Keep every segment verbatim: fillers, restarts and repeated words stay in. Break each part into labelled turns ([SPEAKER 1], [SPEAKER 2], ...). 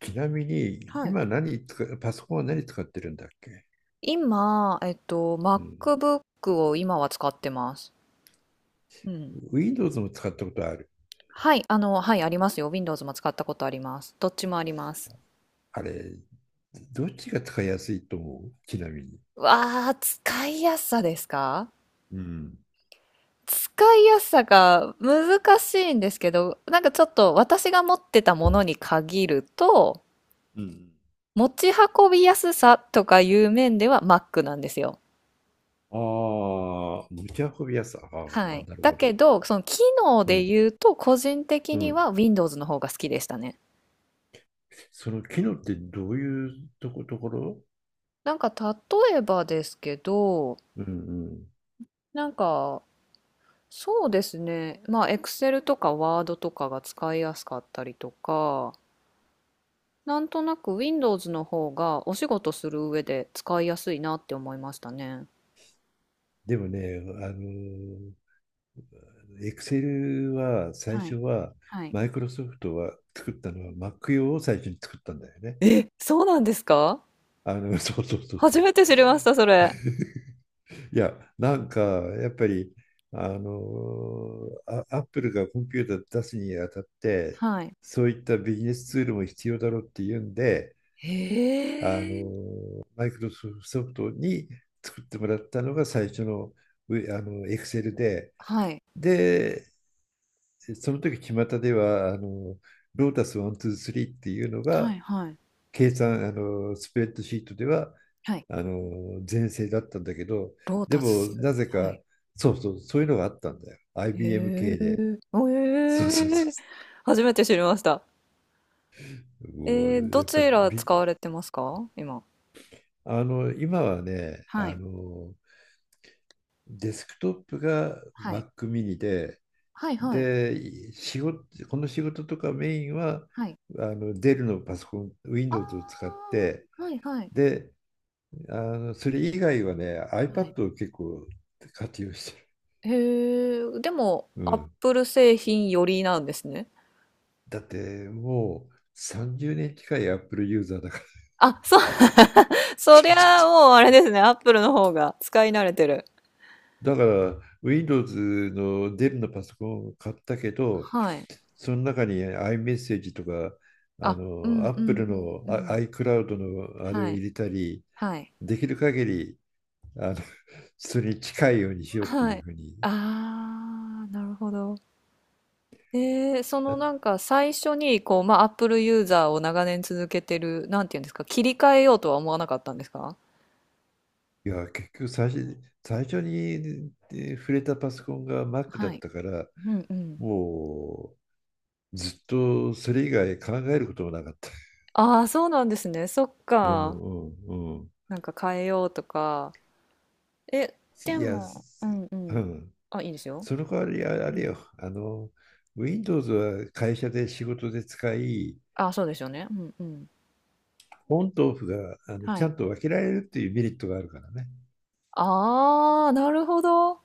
[SPEAKER 1] ちなみに、
[SPEAKER 2] はい。
[SPEAKER 1] 今何使う、パソコンは何使ってるんだっけ？
[SPEAKER 2] 今、えっと、
[SPEAKER 1] うん。
[SPEAKER 2] MacBook を今は使ってます。うん。
[SPEAKER 1] Windows も使ったことある？
[SPEAKER 2] はい、あの、はい、ありますよ。Windows も使ったことあります。どっちもあります。
[SPEAKER 1] あれ、どっちが使いやすいと思うちなみに？
[SPEAKER 2] わあ、使いやすさですか？
[SPEAKER 1] うん。
[SPEAKER 2] 使いやすさが難しいんですけど、なんかちょっと私が持ってたものに限ると、
[SPEAKER 1] うん。
[SPEAKER 2] 持ち運びやすさとかいう面では Mac なんですよ。
[SPEAKER 1] ああ、持ち運びやすさ。あ
[SPEAKER 2] は
[SPEAKER 1] あ、
[SPEAKER 2] い。
[SPEAKER 1] なる
[SPEAKER 2] だ
[SPEAKER 1] ほ
[SPEAKER 2] け
[SPEAKER 1] ど。
[SPEAKER 2] ど、その機能
[SPEAKER 1] う
[SPEAKER 2] で
[SPEAKER 1] ん。
[SPEAKER 2] 言うと、個人的
[SPEAKER 1] う
[SPEAKER 2] に
[SPEAKER 1] ん。
[SPEAKER 2] は Windows の方が好きでしたね。
[SPEAKER 1] その機能ってどういうとこ、ところ？
[SPEAKER 2] なんか例えばですけど、
[SPEAKER 1] うんうん。
[SPEAKER 2] なんかそうですね、まあ Excel とか Word とかが使いやすかったりとか、なんとなく Windows の方がお仕事する上で使いやすいなって思いましたね。
[SPEAKER 1] でもね、あの、Excel は最
[SPEAKER 2] は
[SPEAKER 1] 初
[SPEAKER 2] い。
[SPEAKER 1] は、
[SPEAKER 2] はい。
[SPEAKER 1] マイクロソフトは作ったのは Mac 用を最初に作ったんだよね。
[SPEAKER 2] え、そうなんですか？
[SPEAKER 1] あの、そうそうそうそ
[SPEAKER 2] 初
[SPEAKER 1] う
[SPEAKER 2] めて知りました、それ。
[SPEAKER 1] いや、なんか、やっぱり、あの、あアップルがコンピューター出すにあたって、
[SPEAKER 2] はい。
[SPEAKER 1] そういったビジネスツールも必要だろうっていうんで、
[SPEAKER 2] へ
[SPEAKER 1] あ
[SPEAKER 2] え。
[SPEAKER 1] の、マイクロソフトに作ってもらったのが最初の、うあの、エクセルで、
[SPEAKER 2] はい。
[SPEAKER 1] で、その時巷では、あの、ロータスいち、に、さんっていうの
[SPEAKER 2] はい。
[SPEAKER 1] が、
[SPEAKER 2] はい。
[SPEAKER 1] 計算、あの、スプレッドシートでは、
[SPEAKER 2] はい。
[SPEAKER 1] あの全盛だったんだけど、
[SPEAKER 2] ロー
[SPEAKER 1] で
[SPEAKER 2] タ
[SPEAKER 1] も
[SPEAKER 2] ス。
[SPEAKER 1] なぜ
[SPEAKER 2] は
[SPEAKER 1] か、
[SPEAKER 2] い。
[SPEAKER 1] そうそう、そういうのがあったんだよ。
[SPEAKER 2] へ
[SPEAKER 1] アイビーエム
[SPEAKER 2] え。
[SPEAKER 1] 系で。そうそう
[SPEAKER 2] え
[SPEAKER 1] そ
[SPEAKER 2] え。初めて知りました。
[SPEAKER 1] う。も
[SPEAKER 2] えー、
[SPEAKER 1] う
[SPEAKER 2] ど
[SPEAKER 1] やっぱり
[SPEAKER 2] ちら
[SPEAKER 1] び、
[SPEAKER 2] 使われてますか今？
[SPEAKER 1] あの、今はね、
[SPEAKER 2] は
[SPEAKER 1] あ
[SPEAKER 2] い。
[SPEAKER 1] の、デスクトップが
[SPEAKER 2] はい。
[SPEAKER 1] Mac mini で、
[SPEAKER 2] はいはい。
[SPEAKER 1] で、仕事、この仕事とかメインは、
[SPEAKER 2] はい。
[SPEAKER 1] あの、デルのパソコン、
[SPEAKER 2] あ
[SPEAKER 1] Windows を使って、
[SPEAKER 2] あ、はいはい。
[SPEAKER 1] で、あの、それ以外はね、
[SPEAKER 2] はい。
[SPEAKER 1] iPad を結構活用してる。
[SPEAKER 2] へえ、でも、
[SPEAKER 1] う
[SPEAKER 2] アッ
[SPEAKER 1] ん。
[SPEAKER 2] プル製品よりなんですね。
[SPEAKER 1] だってもうさんじゅうねん近い Apple ユーザーだから。
[SPEAKER 2] あ、そう。そ
[SPEAKER 1] ちょ
[SPEAKER 2] り
[SPEAKER 1] そ
[SPEAKER 2] ゃ
[SPEAKER 1] う。
[SPEAKER 2] もうあれですね、アップルの方が使い慣れてる。
[SPEAKER 1] だから Windows のデルのパソコンを買ったけど、
[SPEAKER 2] はい。
[SPEAKER 1] その中に iMessage とかあ
[SPEAKER 2] あ、うん
[SPEAKER 1] の
[SPEAKER 2] うん
[SPEAKER 1] Apple
[SPEAKER 2] う
[SPEAKER 1] の
[SPEAKER 2] んうん。
[SPEAKER 1] iCloud のあれ
[SPEAKER 2] は
[SPEAKER 1] を
[SPEAKER 2] い。
[SPEAKER 1] 入れたり、
[SPEAKER 2] はい。
[SPEAKER 1] できる限りあのそれに近いようにしようって
[SPEAKER 2] は
[SPEAKER 1] いう
[SPEAKER 2] い。
[SPEAKER 1] ふうに。
[SPEAKER 2] ああ、なるほど。えー、そ
[SPEAKER 1] い
[SPEAKER 2] のなんか最初にこう、まあ、Apple ユーザーを長年続けてる、なんていうんですか、切り替えようとは思わなかったんですか？
[SPEAKER 1] や、結局最初、最初に触れたパソコンが Mac だ
[SPEAKER 2] は
[SPEAKER 1] っ
[SPEAKER 2] い。
[SPEAKER 1] たから、
[SPEAKER 2] うんうん。
[SPEAKER 1] もうずっとそれ以外考えることもなかった。
[SPEAKER 2] ああ、そうなんですね。そっ
[SPEAKER 1] うん
[SPEAKER 2] か。
[SPEAKER 1] うんうん。
[SPEAKER 2] なんか変えようとか。え、で
[SPEAKER 1] いや、
[SPEAKER 2] も、う
[SPEAKER 1] す
[SPEAKER 2] んう
[SPEAKER 1] う
[SPEAKER 2] ん。
[SPEAKER 1] ん。
[SPEAKER 2] あ、いいですよ。
[SPEAKER 1] その代わりあ
[SPEAKER 2] う
[SPEAKER 1] あれ
[SPEAKER 2] ん。
[SPEAKER 1] よ、あの、Windows は会社で仕事で使い、
[SPEAKER 2] あ、そうですよね。うんうん。
[SPEAKER 1] オンとオフがあの
[SPEAKER 2] は
[SPEAKER 1] ちゃ
[SPEAKER 2] い。
[SPEAKER 1] んと分けられるっていうメリットがあるからね。
[SPEAKER 2] ああ、なるほど。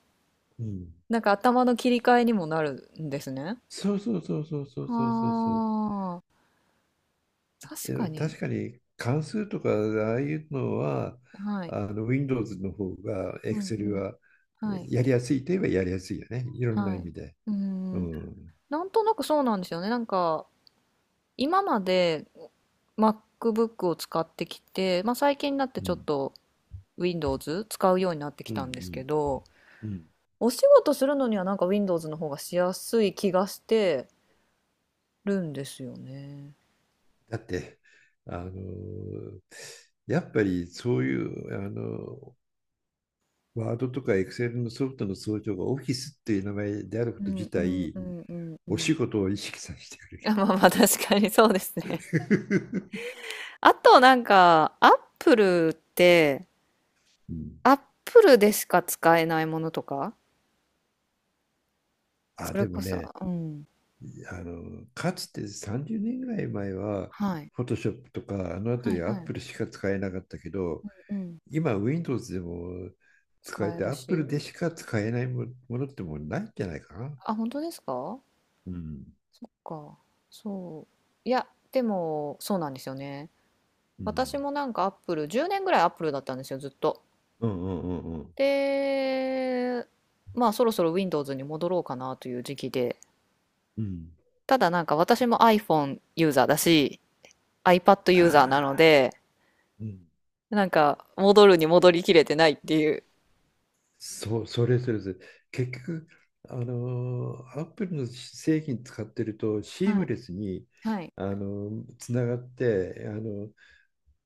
[SPEAKER 1] うん。
[SPEAKER 2] なんか頭の切り替えにもなるんですね。
[SPEAKER 1] そうそうそうそうそうそうそうそう。
[SPEAKER 2] はあ、確か
[SPEAKER 1] で、
[SPEAKER 2] に。
[SPEAKER 1] 確かに関数とかああいうのは、
[SPEAKER 2] はい。
[SPEAKER 1] あの Windows の方が
[SPEAKER 2] うんう
[SPEAKER 1] Excel
[SPEAKER 2] ん。
[SPEAKER 1] は
[SPEAKER 2] はい。
[SPEAKER 1] やりやすいといえばやりやすいよね。いろんな
[SPEAKER 2] は
[SPEAKER 1] 意
[SPEAKER 2] い。
[SPEAKER 1] 味で。
[SPEAKER 2] うー
[SPEAKER 1] う
[SPEAKER 2] ん。
[SPEAKER 1] ん。
[SPEAKER 2] なんとなくそうなんですよね。なんか、今まで MacBook を使ってきて、まあ最近になって
[SPEAKER 1] う
[SPEAKER 2] ちょっ
[SPEAKER 1] ん。
[SPEAKER 2] と Windows 使うようになってき
[SPEAKER 1] うん。
[SPEAKER 2] たん
[SPEAKER 1] う
[SPEAKER 2] ですけど、
[SPEAKER 1] ん。うん
[SPEAKER 2] お仕事するのにはなんか Windows の方がしやすい気がしてるんですよね。
[SPEAKER 1] だってあのやっぱりそういうあのワードとかエクセルのソフトの総称がオフィスっていう名前であるこ
[SPEAKER 2] う
[SPEAKER 1] と
[SPEAKER 2] ん
[SPEAKER 1] 自
[SPEAKER 2] うん
[SPEAKER 1] 体
[SPEAKER 2] うんうんう
[SPEAKER 1] お仕
[SPEAKER 2] ん。
[SPEAKER 1] 事を意識させてくれ る。
[SPEAKER 2] あまあまあ確かにそうですね。あとなんか、アップルって、
[SPEAKER 1] うん。
[SPEAKER 2] アップルでしか使えないものとか、
[SPEAKER 1] あ
[SPEAKER 2] それ
[SPEAKER 1] でも
[SPEAKER 2] こそ、
[SPEAKER 1] ね
[SPEAKER 2] うん。
[SPEAKER 1] あのかつてさんじゅうねんぐらい前は
[SPEAKER 2] はい。
[SPEAKER 1] フォトショップとかあのあた
[SPEAKER 2] はい
[SPEAKER 1] りア
[SPEAKER 2] は
[SPEAKER 1] ッ
[SPEAKER 2] い。
[SPEAKER 1] プルしか使えなかったけど
[SPEAKER 2] うん。
[SPEAKER 1] 今 Windows でも使
[SPEAKER 2] 使
[SPEAKER 1] え
[SPEAKER 2] え
[SPEAKER 1] て
[SPEAKER 2] る
[SPEAKER 1] アップ
[SPEAKER 2] し。
[SPEAKER 1] ルでしか使えないものってもうないんじゃないかな。
[SPEAKER 2] あ、本当ですか
[SPEAKER 1] うん、
[SPEAKER 2] か？そう。いや、でも、そうなんですよね。
[SPEAKER 1] う
[SPEAKER 2] 私
[SPEAKER 1] ん、
[SPEAKER 2] もなんかアップル、じゅうねんぐらいアップルだったんですよ、ずっと。
[SPEAKER 1] うんうんうん
[SPEAKER 2] で、まあ、そろそろ Windows に戻ろうかなという時期で。
[SPEAKER 1] うん。
[SPEAKER 2] ただなんか私も iPhone ユーザーだし、iPad ユーザーな
[SPEAKER 1] あ
[SPEAKER 2] の
[SPEAKER 1] あ、
[SPEAKER 2] で、
[SPEAKER 1] うん。
[SPEAKER 2] なんか戻るに戻りきれてないっていう。
[SPEAKER 1] そう、それそれそれ。結局、あのー、アップルの製品使ってると、シー
[SPEAKER 2] は
[SPEAKER 1] ム
[SPEAKER 2] い、
[SPEAKER 1] レスに、
[SPEAKER 2] はい、
[SPEAKER 1] あのー、つながって、あの、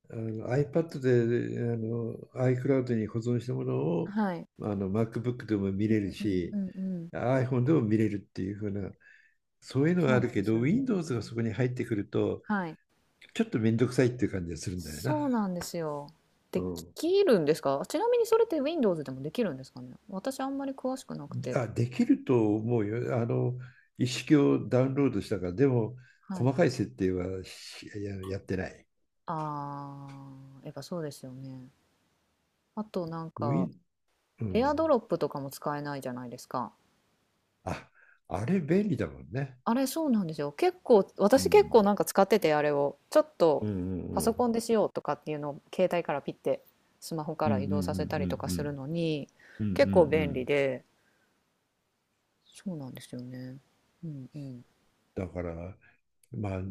[SPEAKER 1] あの iPad で、あの、iCloud に保存したものを、
[SPEAKER 2] はい。
[SPEAKER 1] あの、MacBook でも見
[SPEAKER 2] う
[SPEAKER 1] れる
[SPEAKER 2] んうんう
[SPEAKER 1] し、
[SPEAKER 2] んうん。
[SPEAKER 1] iPhone でも見れるっていう風な、そういうのが
[SPEAKER 2] そう
[SPEAKER 1] あ
[SPEAKER 2] な
[SPEAKER 1] る
[SPEAKER 2] んで
[SPEAKER 1] け
[SPEAKER 2] す
[SPEAKER 1] ど、
[SPEAKER 2] よね。
[SPEAKER 1] Windows がそこに入ってくると、
[SPEAKER 2] はい。
[SPEAKER 1] ちょっとめんどくさいっていう感じがするんだよな。
[SPEAKER 2] そうなんですよ。
[SPEAKER 1] う
[SPEAKER 2] で
[SPEAKER 1] ん。
[SPEAKER 2] きるんですか？ちなみにそれって Windows でもできるんですかね？私あんまり詳しくなくて。
[SPEAKER 1] あ、できると思うよ。あの、一式をダウンロードしたから、でも、
[SPEAKER 2] は
[SPEAKER 1] 細
[SPEAKER 2] い。
[SPEAKER 1] かい設定はしや、やってない。
[SPEAKER 2] あー、やっぱそうですよね。あとなん
[SPEAKER 1] ウィ
[SPEAKER 2] か、
[SPEAKER 1] ン、うん。
[SPEAKER 2] AirDrop とかも使えないじゃないですか。
[SPEAKER 1] あ、あれ便利だもんね。
[SPEAKER 2] あれそうなんですよ。結構、
[SPEAKER 1] う
[SPEAKER 2] 私結
[SPEAKER 1] ん。
[SPEAKER 2] 構なんか使ってて、あれを。ちょっ
[SPEAKER 1] う
[SPEAKER 2] と
[SPEAKER 1] んう
[SPEAKER 2] パ
[SPEAKER 1] んう
[SPEAKER 2] ソコ
[SPEAKER 1] ん。
[SPEAKER 2] ンでしようとかっていうのを携帯からピッてスマホか
[SPEAKER 1] うんう
[SPEAKER 2] ら
[SPEAKER 1] ん
[SPEAKER 2] 移
[SPEAKER 1] う
[SPEAKER 2] 動させたりと
[SPEAKER 1] ん
[SPEAKER 2] か
[SPEAKER 1] うんう
[SPEAKER 2] する
[SPEAKER 1] ん。
[SPEAKER 2] のに、
[SPEAKER 1] うんう
[SPEAKER 2] 結構
[SPEAKER 1] んう
[SPEAKER 2] 便利
[SPEAKER 1] ん。
[SPEAKER 2] で。そうなんですよね。うんうん。
[SPEAKER 1] だから、まあ、あ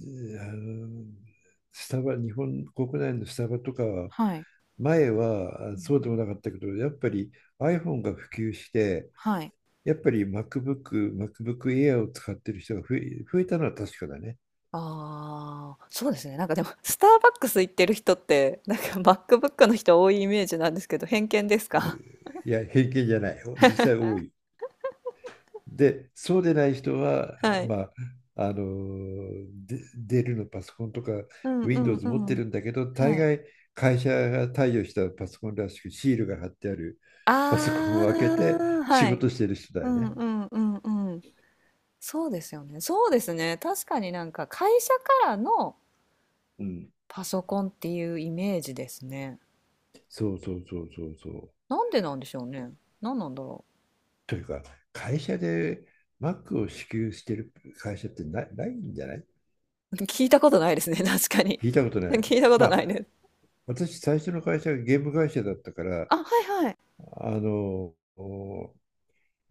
[SPEAKER 1] の、スタバ、日本国内のスタバとかは、
[SPEAKER 2] はい。
[SPEAKER 1] 前は
[SPEAKER 2] う
[SPEAKER 1] あ
[SPEAKER 2] ん
[SPEAKER 1] そ
[SPEAKER 2] う
[SPEAKER 1] うでも
[SPEAKER 2] ん
[SPEAKER 1] なかったけど、やっぱり iPhone が普及して、
[SPEAKER 2] はい。
[SPEAKER 1] やっぱり MacBook、MacBook Air を使ってる人が増え、増えたのは確かだね。
[SPEAKER 2] ああ、そうですね。なんかでも、スターバックス行ってる人って、なんか MacBook の人多いイメージなんですけど、偏見ですか？
[SPEAKER 1] いや、偏見じゃない。実際 多い。で、そうでない人は、
[SPEAKER 2] はい。
[SPEAKER 1] まあ、あの、でデルのパソコンとか
[SPEAKER 2] うんうん
[SPEAKER 1] Windows 持っ
[SPEAKER 2] う
[SPEAKER 1] て
[SPEAKER 2] ん。
[SPEAKER 1] るんだけど、大
[SPEAKER 2] はい。
[SPEAKER 1] 概会社が貸与したパソコンらしくシールが貼ってあるパソコン
[SPEAKER 2] あ
[SPEAKER 1] を開けて
[SPEAKER 2] あ、
[SPEAKER 1] 仕
[SPEAKER 2] はい。
[SPEAKER 1] 事してる人だ
[SPEAKER 2] う
[SPEAKER 1] よ
[SPEAKER 2] ん
[SPEAKER 1] ね。
[SPEAKER 2] うんうんうん。そうですよね。そうですね。確かになんか会社からの
[SPEAKER 1] うん。
[SPEAKER 2] パソコンっていうイメージですね。
[SPEAKER 1] そうそうそうそうそう。
[SPEAKER 2] なんでなんでしょうね。なんなんだろ
[SPEAKER 1] というか、会社で Mac を支給してる会社ってな、ないんじゃない？
[SPEAKER 2] う。聞いたことないですね。確かに。
[SPEAKER 1] 聞いたこと な
[SPEAKER 2] 聞
[SPEAKER 1] い。
[SPEAKER 2] いたこ
[SPEAKER 1] ま
[SPEAKER 2] と
[SPEAKER 1] あ、
[SPEAKER 2] ないです。
[SPEAKER 1] 私、最初の会社がゲーム会社だったから、
[SPEAKER 2] あ、はいはい。
[SPEAKER 1] あの、お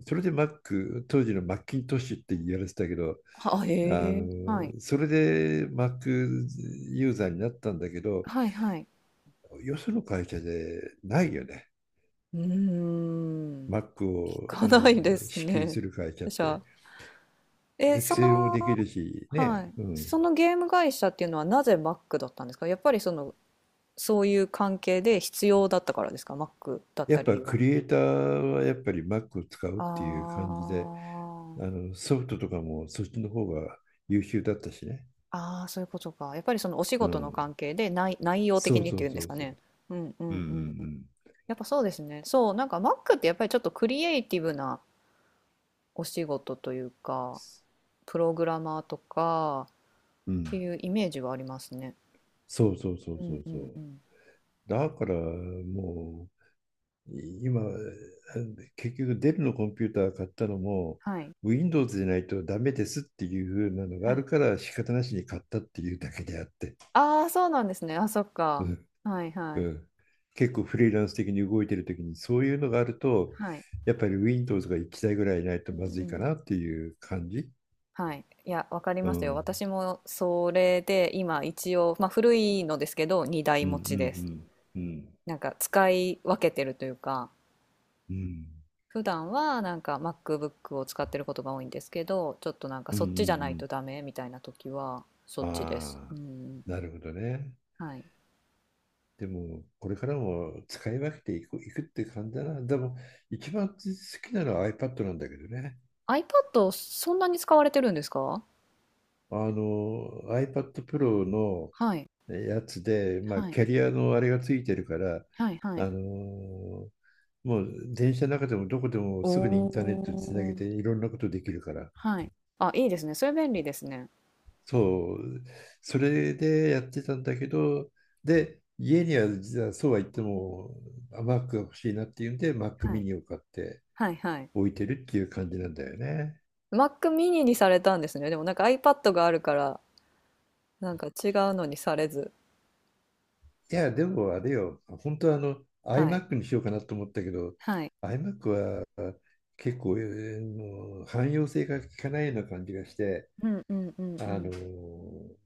[SPEAKER 1] それで Mac、当時のマッキントッシュって言われてたけど、
[SPEAKER 2] あ、へ
[SPEAKER 1] あ
[SPEAKER 2] え。はい。
[SPEAKER 1] の、それで Mac ユーザーになったんだけど、
[SPEAKER 2] はいはい。
[SPEAKER 1] よその会社でないよね。
[SPEAKER 2] うーん。
[SPEAKER 1] Mac
[SPEAKER 2] 聞
[SPEAKER 1] を、
[SPEAKER 2] か
[SPEAKER 1] あ
[SPEAKER 2] ないで
[SPEAKER 1] の、
[SPEAKER 2] す
[SPEAKER 1] 支給
[SPEAKER 2] ね。
[SPEAKER 1] する会社 っ
[SPEAKER 2] じゃ
[SPEAKER 1] て。
[SPEAKER 2] あ、え、そ
[SPEAKER 1] Excel もでき
[SPEAKER 2] の、
[SPEAKER 1] るし、
[SPEAKER 2] は
[SPEAKER 1] ね。
[SPEAKER 2] い。
[SPEAKER 1] うん。
[SPEAKER 2] そのゲーム会社っていうのはなぜ Mac だったんですか？やっぱりその、そういう関係で必要だったからですか？ Mac だっ
[SPEAKER 1] や
[SPEAKER 2] た
[SPEAKER 1] っ
[SPEAKER 2] 理
[SPEAKER 1] ぱ
[SPEAKER 2] 由は。
[SPEAKER 1] クリエイターはやっぱり Mac を使う
[SPEAKER 2] あ
[SPEAKER 1] っていう感じで、あ
[SPEAKER 2] ー
[SPEAKER 1] の、ソフトとかもそっちの方が優秀だったしね。
[SPEAKER 2] あー、そういうことか。やっぱりそのお仕
[SPEAKER 1] う
[SPEAKER 2] 事の
[SPEAKER 1] ん。
[SPEAKER 2] 関係で内、内容
[SPEAKER 1] そ
[SPEAKER 2] 的
[SPEAKER 1] う
[SPEAKER 2] にっ
[SPEAKER 1] そ
[SPEAKER 2] て
[SPEAKER 1] う
[SPEAKER 2] いうん
[SPEAKER 1] そ
[SPEAKER 2] です
[SPEAKER 1] う
[SPEAKER 2] か
[SPEAKER 1] そ
[SPEAKER 2] ね。
[SPEAKER 1] う。
[SPEAKER 2] うんう
[SPEAKER 1] うんう
[SPEAKER 2] んうんうん。
[SPEAKER 1] ん
[SPEAKER 2] やっぱそうですね。そう、なんか Mac ってやっぱりちょっとクリエイティブなお仕事というか、プログラマーとか、
[SPEAKER 1] うん。うん。
[SPEAKER 2] ていうイメージはありますね。
[SPEAKER 1] そうそうそう
[SPEAKER 2] う
[SPEAKER 1] そ
[SPEAKER 2] ん
[SPEAKER 1] う
[SPEAKER 2] う
[SPEAKER 1] そ
[SPEAKER 2] んう
[SPEAKER 1] う。
[SPEAKER 2] ん。
[SPEAKER 1] だからもう、い今、結局デルのコンピューター買ったのも、
[SPEAKER 2] はい、
[SPEAKER 1] Windows でないとダメですっていう風なのがあ
[SPEAKER 2] は
[SPEAKER 1] る
[SPEAKER 2] い。
[SPEAKER 1] から仕方なしに買ったっていうだけであって。
[SPEAKER 2] ああ、そうなんですね。あ、そっ
[SPEAKER 1] う
[SPEAKER 2] か。
[SPEAKER 1] ん
[SPEAKER 2] はいは
[SPEAKER 1] う
[SPEAKER 2] い。
[SPEAKER 1] ん。結構フリーランス的に動いてる時にそういうのがあると
[SPEAKER 2] はい。
[SPEAKER 1] やっぱり Windows がいちだいぐらいないと
[SPEAKER 2] う
[SPEAKER 1] まずい
[SPEAKER 2] ん
[SPEAKER 1] か
[SPEAKER 2] うん。
[SPEAKER 1] なっていう感じ。
[SPEAKER 2] はい。いや、わかり
[SPEAKER 1] う
[SPEAKER 2] ますよ。
[SPEAKER 1] ん。
[SPEAKER 2] 私もそれで今一応、まあ古いのですけど、にだい
[SPEAKER 1] うんう
[SPEAKER 2] 持ちです。
[SPEAKER 1] んうん。うん。
[SPEAKER 2] なんか使い分けてるというか、
[SPEAKER 1] う
[SPEAKER 2] 普段はなんか MacBook を使ってることが多いんですけど、ちょっとなんか
[SPEAKER 1] んう
[SPEAKER 2] そっちじゃない
[SPEAKER 1] ん
[SPEAKER 2] とダメみたいな時はそ
[SPEAKER 1] う
[SPEAKER 2] っ
[SPEAKER 1] ん。
[SPEAKER 2] ちです。
[SPEAKER 1] あ
[SPEAKER 2] う
[SPEAKER 1] あ、
[SPEAKER 2] ん。
[SPEAKER 1] なるほどね。
[SPEAKER 2] はい。
[SPEAKER 1] でも、これからも使い分けていく、いくって感じだな。でも、一番好きなのは iPad なんだけどね。
[SPEAKER 2] iPad そんなに使われてるんですか？
[SPEAKER 1] あの、iPad Pro の
[SPEAKER 2] はい。
[SPEAKER 1] やつで、まあ、
[SPEAKER 2] はい。
[SPEAKER 1] キャリアのあれがついてるから、
[SPEAKER 2] はいはい。
[SPEAKER 1] あのもう電車の中でもどこでも
[SPEAKER 2] お
[SPEAKER 1] すぐにインターネットつなげ
[SPEAKER 2] お。
[SPEAKER 1] ていろんなことできるから、
[SPEAKER 2] はい。あ、いいですね。それ便利ですね。
[SPEAKER 1] そう、それでやってたんだけど、で、家には実はそうは言っても、あ Mac が欲しいなっていうんで、Mac
[SPEAKER 2] はい。
[SPEAKER 1] mini を買って
[SPEAKER 2] はいはい。
[SPEAKER 1] 置いてるっていう感じなんだよね。
[SPEAKER 2] Mac mini にされたんですね。でもなんか iPad があるから、なんか違うのにされず。
[SPEAKER 1] いや、でもあれよ、本当はあの
[SPEAKER 2] はい。
[SPEAKER 1] iMac にしようかなと思ったけど、
[SPEAKER 2] はい。
[SPEAKER 1] iMac は結構、えーもう汎用性が効かないような感じがして、
[SPEAKER 2] うんうんうんう
[SPEAKER 1] あの、
[SPEAKER 2] ん。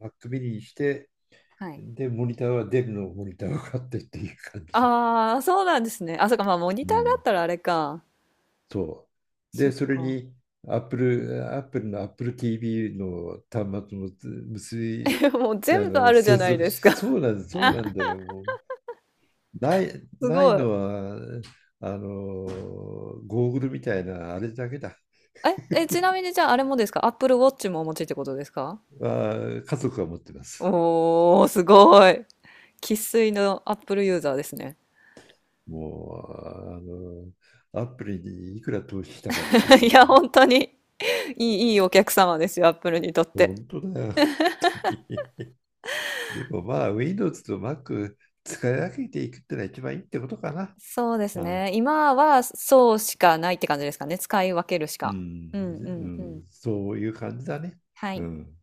[SPEAKER 1] Mac mini にして、
[SPEAKER 2] はい。
[SPEAKER 1] で、モニターはデルのモニターを買ってっていう感じで。
[SPEAKER 2] ああ、そうなんですね。あ、そっか、まあモニ
[SPEAKER 1] う
[SPEAKER 2] ターがあっ
[SPEAKER 1] ん
[SPEAKER 2] たらあれか。
[SPEAKER 1] そう。
[SPEAKER 2] そ
[SPEAKER 1] で、
[SPEAKER 2] っ
[SPEAKER 1] それ
[SPEAKER 2] か。
[SPEAKER 1] に Apple、Apple の Apple ティーブイ の端末も結び、
[SPEAKER 2] もう
[SPEAKER 1] あ
[SPEAKER 2] 全部あ
[SPEAKER 1] の
[SPEAKER 2] るじゃ
[SPEAKER 1] 接
[SPEAKER 2] ない
[SPEAKER 1] 続
[SPEAKER 2] です
[SPEAKER 1] し、
[SPEAKER 2] か。
[SPEAKER 1] そうなんだ、そう なんだよ。もうない、
[SPEAKER 2] す
[SPEAKER 1] ない
[SPEAKER 2] ごい。
[SPEAKER 1] のは、あの、ゴーグルみたいなあれだけだ。
[SPEAKER 2] え、え、ちなみにじゃああれもですか？ Apple Watch もお持ちってことですか？
[SPEAKER 1] あ、家族が持ってます。
[SPEAKER 2] おー、すごい。生粋の Apple ユーザーですね。
[SPEAKER 1] もう、あの、ア p p にいくら投資したかってい う
[SPEAKER 2] い
[SPEAKER 1] 感
[SPEAKER 2] や、
[SPEAKER 1] じ。
[SPEAKER 2] 本当にいい、いいお客様ですよ、アップルにとって。
[SPEAKER 1] 本当だよ。でもまあ、Windows と Mac 使い分けていくってのは一番いいってことかな。
[SPEAKER 2] そうです
[SPEAKER 1] あ
[SPEAKER 2] ね。今はそうしかないって感じですかね。使い分けるし
[SPEAKER 1] う
[SPEAKER 2] か。
[SPEAKER 1] ん、
[SPEAKER 2] うんう
[SPEAKER 1] う
[SPEAKER 2] んうん。
[SPEAKER 1] ん、そういう感じだね。
[SPEAKER 2] は
[SPEAKER 1] う
[SPEAKER 2] い。
[SPEAKER 1] ん。